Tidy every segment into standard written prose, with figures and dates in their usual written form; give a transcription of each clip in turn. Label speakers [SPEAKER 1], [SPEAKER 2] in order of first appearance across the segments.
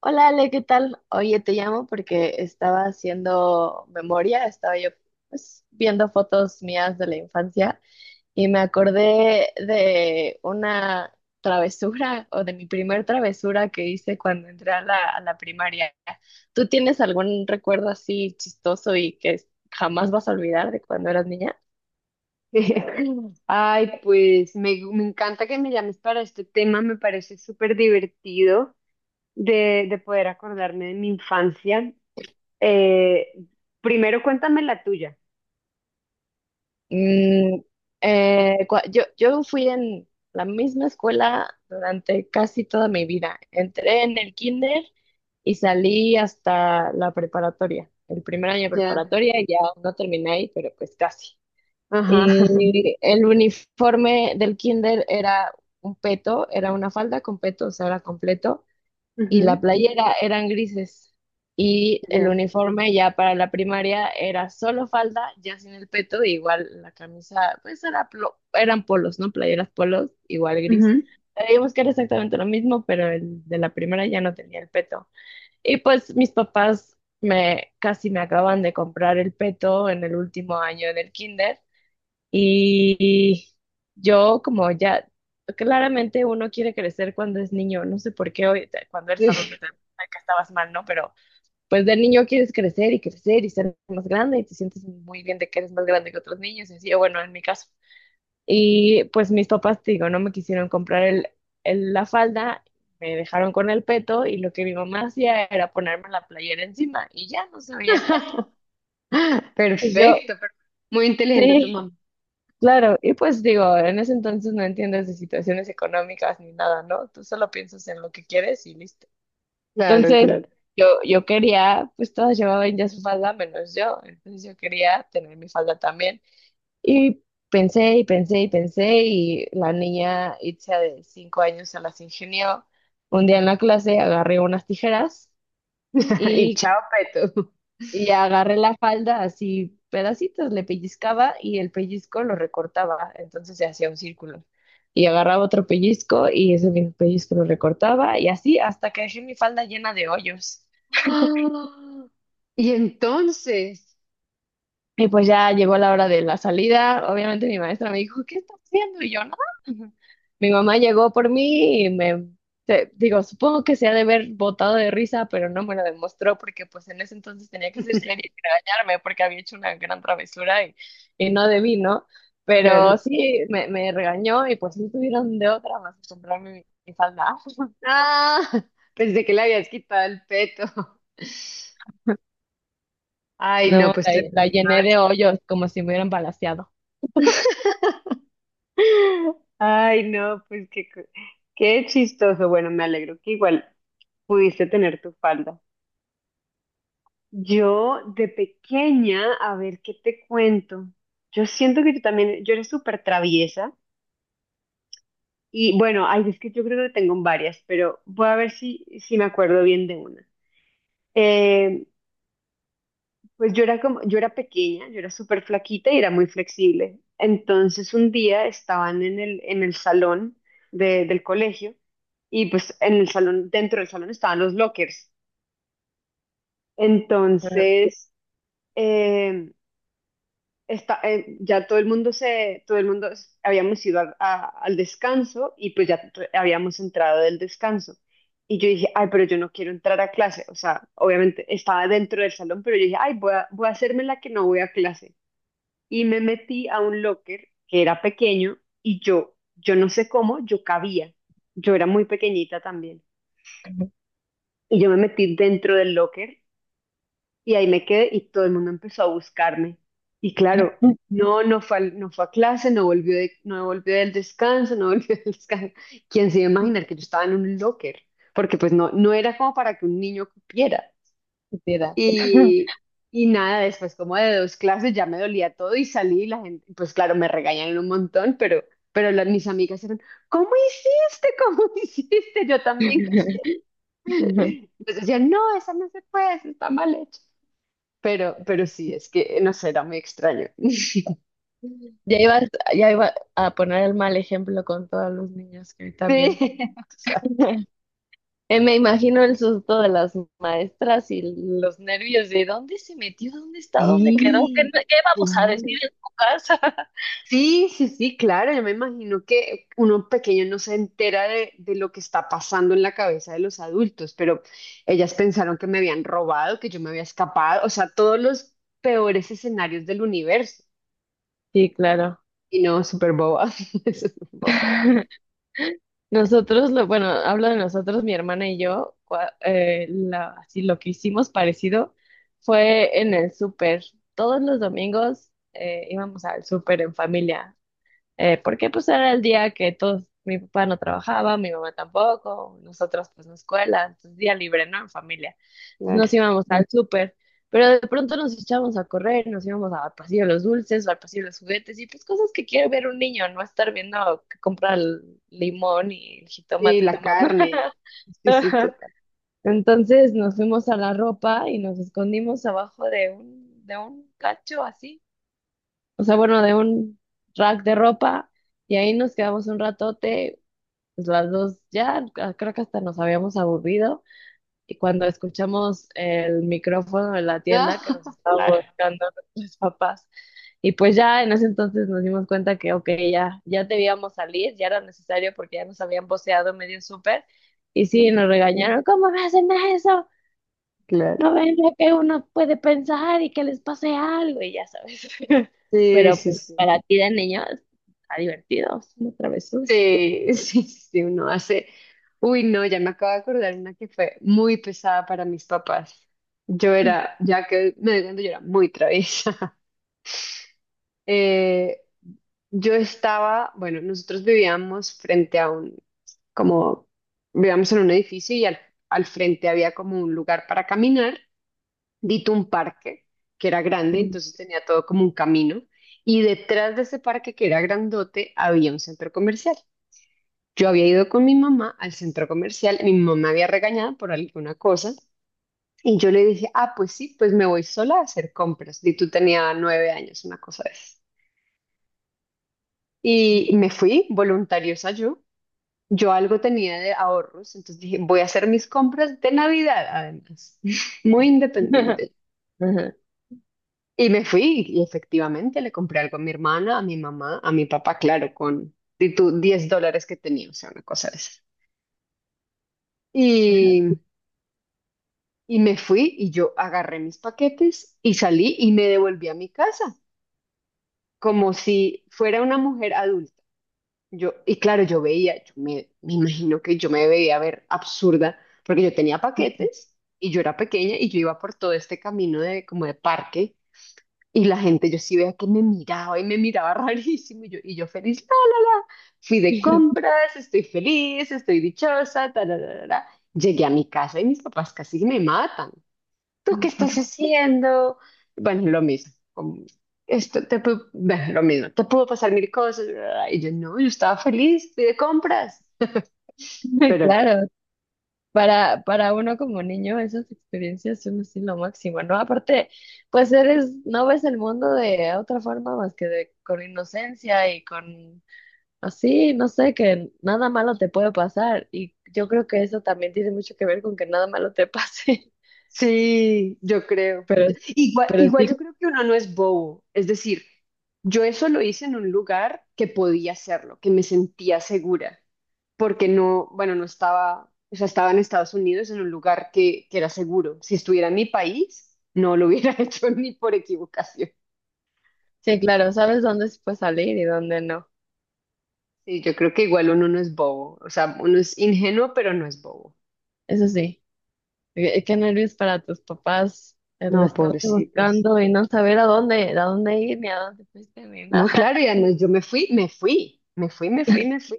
[SPEAKER 1] Hola Ale, ¿qué tal? Oye, te llamo porque estaba haciendo memoria, estaba yo, pues, viendo fotos mías de la infancia y me acordé de una travesura o de mi primer travesura que hice cuando entré a la primaria. ¿Tú tienes algún recuerdo así chistoso y que jamás vas a olvidar de cuando eras niña?
[SPEAKER 2] Ay, pues me encanta que me llames para este tema. Me parece súper divertido de poder acordarme de mi infancia. Eh, Primero cuéntame la tuya.
[SPEAKER 1] Mm, yo fui en la misma escuela durante casi toda mi vida. Entré en el kinder y salí hasta la preparatoria, el primer año de
[SPEAKER 2] Ya.
[SPEAKER 1] preparatoria, y ya no terminé ahí, pero pues casi.
[SPEAKER 2] Ajá.
[SPEAKER 1] Y el uniforme del kinder era un peto, era una falda con peto, o sea, era completo y la
[SPEAKER 2] Ujú.
[SPEAKER 1] playera eran grises, y el
[SPEAKER 2] Ya.
[SPEAKER 1] uniforme ya para la primaria era solo falda, ya sin el peto, e igual la camisa, pues era eran polos, ¿no? Playeras polos, igual gris.
[SPEAKER 2] Ujú.
[SPEAKER 1] Sabíamos que era exactamente lo mismo, pero el de la primera ya no tenía el peto. Y pues mis papás me casi me acaban de comprar el peto en el último año del kinder. Y yo como ya, claramente uno quiere crecer cuando es niño, no sé por qué hoy, cuando eres adulto,
[SPEAKER 2] Sí.
[SPEAKER 1] te das cuenta que estabas mal, ¿no? Pero pues de niño quieres crecer y crecer y ser más grande y te sientes muy bien de que eres más grande que otros niños, y así, o bueno, en mi caso. Y pues mis papás, te digo, no me quisieron comprar el, la falda, me dejaron con el peto y lo que mi mamá hacía era ponerme la playera encima y ya no se veía el peto. Pues yo,
[SPEAKER 2] Perfecto, muy inteligente tu
[SPEAKER 1] sí.
[SPEAKER 2] mamá.
[SPEAKER 1] Claro, y pues digo, en ese entonces no entiendes de situaciones económicas ni nada, ¿no? Tú solo piensas en lo que quieres y listo.
[SPEAKER 2] Claro,
[SPEAKER 1] Entonces,
[SPEAKER 2] claro.
[SPEAKER 1] yo quería, pues todas llevaban ya su falda menos yo, entonces yo quería tener mi falda también. Y pensé y pensé y pensé y la niña Itzia de 5 años se las ingenió. Un día en la clase agarré unas tijeras
[SPEAKER 2] Y
[SPEAKER 1] y
[SPEAKER 2] chao, Peto.
[SPEAKER 1] agarré la falda así pedacitos, le pellizcaba y el pellizco lo recortaba, entonces se hacía un círculo. Y agarraba otro pellizco y ese mismo pellizco lo recortaba y así hasta que dejé mi falda llena de hoyos.
[SPEAKER 2] Ah, y entonces,
[SPEAKER 1] Y pues ya llegó la hora de la salida. Obviamente mi maestra me dijo, ¿qué estás haciendo? Y yo, nada. Mi mamá llegó por mí y digo, supongo que se ha de haber botado de risa, pero no me lo demostró porque pues en ese entonces tenía que ser seria y regañarme porque había hecho una gran travesura, y no debí, ¿no?
[SPEAKER 2] claro.
[SPEAKER 1] Pero sí, me regañó y pues no tuvieron de otra más que comprarme mi falda.
[SPEAKER 2] Ah, pensé que le habías quitado el peto. Ay, no,
[SPEAKER 1] No,
[SPEAKER 2] pues
[SPEAKER 1] la
[SPEAKER 2] tremendo otra
[SPEAKER 1] llené
[SPEAKER 2] vez.
[SPEAKER 1] de hoyos como si me hubieran balaceado.
[SPEAKER 2] Ay, no, pues qué chistoso. Bueno, me alegro que igual pudiste tener tu falda. Yo de pequeña, a ver qué te cuento. Yo siento que yo también, yo era súper traviesa. Y bueno, ay, es que yo creo que tengo varias, pero voy a ver si me acuerdo bien de una. Eh, Pues yo era como, yo era pequeña, yo era súper flaquita y era muy flexible. Entonces un día estaban en el salón del colegio. Y pues en el salón, dentro del salón estaban los lockers.
[SPEAKER 1] Ajá.
[SPEAKER 2] Entonces eh, ya todo el mundo todo el mundo, habíamos ido al al descanso y pues ya habíamos entrado del descanso. Y yo dije, ay, pero yo no quiero entrar a clase. O sea, obviamente estaba dentro del salón, pero yo dije, ay, voy a hacerme la que no voy a clase. Y me metí a un locker que era pequeño y yo no sé cómo, yo cabía. Yo era muy pequeñita también. Y yo me metí dentro del locker y ahí me quedé y todo el mundo empezó a buscarme. Y claro, no fue, no fue a clase, no volvió no volvió del descanso, no volvió del descanso. ¿Quién se iba a imaginar que yo estaba en un locker? Porque pues no, no era como para que un niño cupiera.
[SPEAKER 1] Estúpida.
[SPEAKER 2] Y, y nada, después como de dos clases ya me dolía todo y salí y la gente, pues claro, me regañaron un montón, pero mis amigas eran, ¿cómo hiciste? ¿Cómo hiciste? Yo también quiero. Entonces decían, no, esa no se puede, esa está mal hecha. Pero sí, es que, no sé, era muy extraño.
[SPEAKER 1] Ya iba, ya iba a poner el mal ejemplo con todos los niños que también.
[SPEAKER 2] Sí, o sea,
[SPEAKER 1] Me imagino el susto de las maestras y los nervios de dónde se metió, dónde está, dónde quedó, qué, no,
[SPEAKER 2] sí,
[SPEAKER 1] qué vamos a decir
[SPEAKER 2] claro.
[SPEAKER 1] en tu casa.
[SPEAKER 2] Sí, sí, sí, claro, yo me imagino que uno pequeño no se entera de lo que está pasando en la cabeza de los adultos, pero ellas pensaron que me habían robado, que yo me había escapado, o sea, todos los peores escenarios del universo.
[SPEAKER 1] Sí, claro.
[SPEAKER 2] Y no, súper boba, súper boba,
[SPEAKER 1] Nosotros, bueno, hablo de nosotros, mi hermana y yo, así lo que hicimos parecido fue en el súper. Todos los domingos, íbamos al súper en familia. Porque pues era el día que todos, mi papá no trabajaba, mi mamá tampoco, nosotros pues no escuela, entonces día libre, ¿no? En familia. Entonces
[SPEAKER 2] claro.
[SPEAKER 1] nos íbamos al súper, pero de pronto nos echábamos a correr, nos íbamos al pasillo de los dulces o al pasillo de los juguetes y pues cosas que quiere ver un niño, no estar viendo que compra el limón y el
[SPEAKER 2] Sí,
[SPEAKER 1] jitomate
[SPEAKER 2] la
[SPEAKER 1] tu mamá.
[SPEAKER 2] carne, sí, sí, total.
[SPEAKER 1] Entonces nos fuimos a la ropa y nos escondimos abajo de un cacho así, o sea, bueno, de un rack de ropa y ahí nos quedamos un ratote, pues las dos ya, ah, creo que hasta nos habíamos aburrido, y cuando escuchamos el micrófono de la tienda que nos
[SPEAKER 2] Ah,
[SPEAKER 1] estaba
[SPEAKER 2] claro,
[SPEAKER 1] buscando nuestros papás y pues ya en ese entonces nos dimos cuenta que, ok, ya debíamos salir, ya era necesario porque ya nos habían voceado medio súper, y sí, nos regañaron. ¿Cómo me hacen eso?
[SPEAKER 2] claro.
[SPEAKER 1] No ven lo que uno puede pensar y que les pase algo y ya sabes.
[SPEAKER 2] Sí,
[SPEAKER 1] Pero
[SPEAKER 2] sí,
[SPEAKER 1] pues
[SPEAKER 2] sí.
[SPEAKER 1] para ti de niño está divertido, es una travesura.
[SPEAKER 2] Sí, sí, sí, uno hace. Uy, no, ya me acabo de acordar una que fue muy pesada para mis papás. Yo era, ya que me doy cuenta, yo era muy traviesa. Eh, yo estaba, bueno, nosotros vivíamos frente a un, como, vivíamos en un edificio y al frente había como un lugar para caminar, dito un parque, que era grande,
[SPEAKER 1] Mm.
[SPEAKER 2] entonces tenía todo como un camino. Y detrás de ese parque, que era grandote, había un centro comercial. Yo había ido con mi mamá al centro comercial, mi mamá me había regañado por alguna cosa y yo le dije, ah, pues sí, pues me voy sola a hacer compras. Y tú tenía 9 años, una cosa de esas. Y me fui voluntariosa yo. Yo algo tenía de ahorros, entonces dije, voy a hacer mis compras de Navidad, además, muy independiente.
[SPEAKER 1] Ajá.
[SPEAKER 2] Y me fui y efectivamente le compré algo a mi hermana, a mi mamá, a mi papá, claro, con de tu 10 dólares que tenía, o sea, una cosa de esas. Y Y me fui y yo agarré mis paquetes y salí y me devolví a mi casa, como si fuera una mujer adulta. Yo, y claro, yo veía, me imagino que yo me veía ver absurda, porque yo tenía paquetes y yo era pequeña y yo iba por todo este camino de como de parque y la gente, yo sí veía que me miraba y me miraba rarísimo y yo feliz, la, fui de compras, estoy feliz, estoy dichosa, ta, la, la, la, la. Llegué a mi casa y mis papás casi me matan. ¿Tú qué estás haciendo? Bueno, lo mismo, como, esto te pudo, bueno, lo mismo, te pudo pasar mil cosas, bla, y yo no, yo estaba feliz, fui de compras, pero no.
[SPEAKER 1] Claro, para uno como niño esas experiencias son así lo máximo, ¿no? Aparte, pues eres, no ves el mundo de otra forma más que de, con inocencia y con así, no sé, que nada malo te puede pasar. Y yo creo que eso también tiene mucho que ver con que nada malo te pase.
[SPEAKER 2] Sí, yo creo.
[SPEAKER 1] Pero,
[SPEAKER 2] Igual,
[SPEAKER 1] pero
[SPEAKER 2] igual
[SPEAKER 1] sí.
[SPEAKER 2] yo creo que uno no es bobo, es decir, yo eso lo hice en un lugar que podía hacerlo, que me sentía segura, porque no, bueno, no estaba, o sea, estaba en Estados Unidos en un lugar que era seguro. Si estuviera en mi país, no lo hubiera hecho ni por equivocación.
[SPEAKER 1] Sí, claro, sabes dónde se puede salir y dónde no.
[SPEAKER 2] Sí, yo creo que igual uno no es bobo, o sea, uno es ingenuo, pero no es bobo.
[SPEAKER 1] Eso sí, qué nervios para tus papás el
[SPEAKER 2] No,
[SPEAKER 1] estarte
[SPEAKER 2] pobrecitos.
[SPEAKER 1] buscando y no saber a dónde ir, ni a dónde fuiste, ni nada.
[SPEAKER 2] No, claro, ya no, yo me fui, me fui, me fui, me fui, me fui.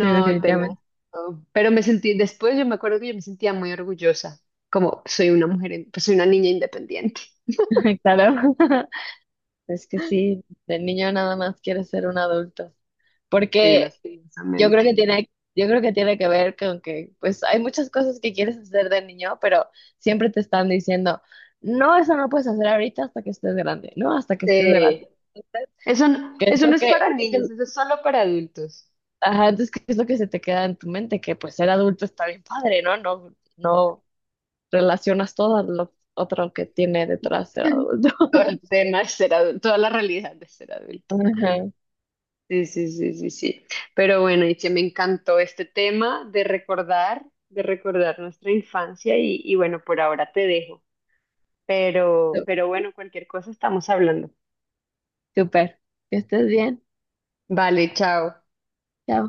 [SPEAKER 1] Sí,
[SPEAKER 2] tenaz.
[SPEAKER 1] definitivamente,
[SPEAKER 2] No. Pero me sentí, después yo me acuerdo que yo me sentía muy orgullosa, como soy una mujer, pues soy una niña independiente.
[SPEAKER 1] claro. Es que sí, de niño nada más quiere ser un adulto.
[SPEAKER 2] Sí,
[SPEAKER 1] Porque
[SPEAKER 2] lastimosamente.
[SPEAKER 1] yo creo que tiene que ver con que, pues, hay muchas cosas que quieres hacer de niño, pero siempre te están diciendo, no, eso no puedes hacer ahorita hasta que estés grande, no, hasta que estés
[SPEAKER 2] Sí.
[SPEAKER 1] grande. Entonces, ¿Qué es
[SPEAKER 2] Eso no
[SPEAKER 1] lo
[SPEAKER 2] es
[SPEAKER 1] que,
[SPEAKER 2] para
[SPEAKER 1] qué
[SPEAKER 2] niños,
[SPEAKER 1] es
[SPEAKER 2] eso es solo para adultos.
[SPEAKER 1] Ajá, entonces, ¿qué es lo que se te queda en tu mente? Que pues ser adulto está bien padre, ¿no? No, no relacionas todo lo otro que tiene detrás ser adulto.
[SPEAKER 2] Todo el tema de ser adulto, toda la realidad de ser adulto.
[SPEAKER 1] Ajá,
[SPEAKER 2] Sí, sí, sí, sí, sí. Pero bueno, Itziar, me encantó este tema de recordar nuestra infancia y bueno, por ahora te dejo. Pero bueno, cualquier cosa estamos hablando.
[SPEAKER 1] súper. Que estés bien.
[SPEAKER 2] Vale, chao.
[SPEAKER 1] Chao.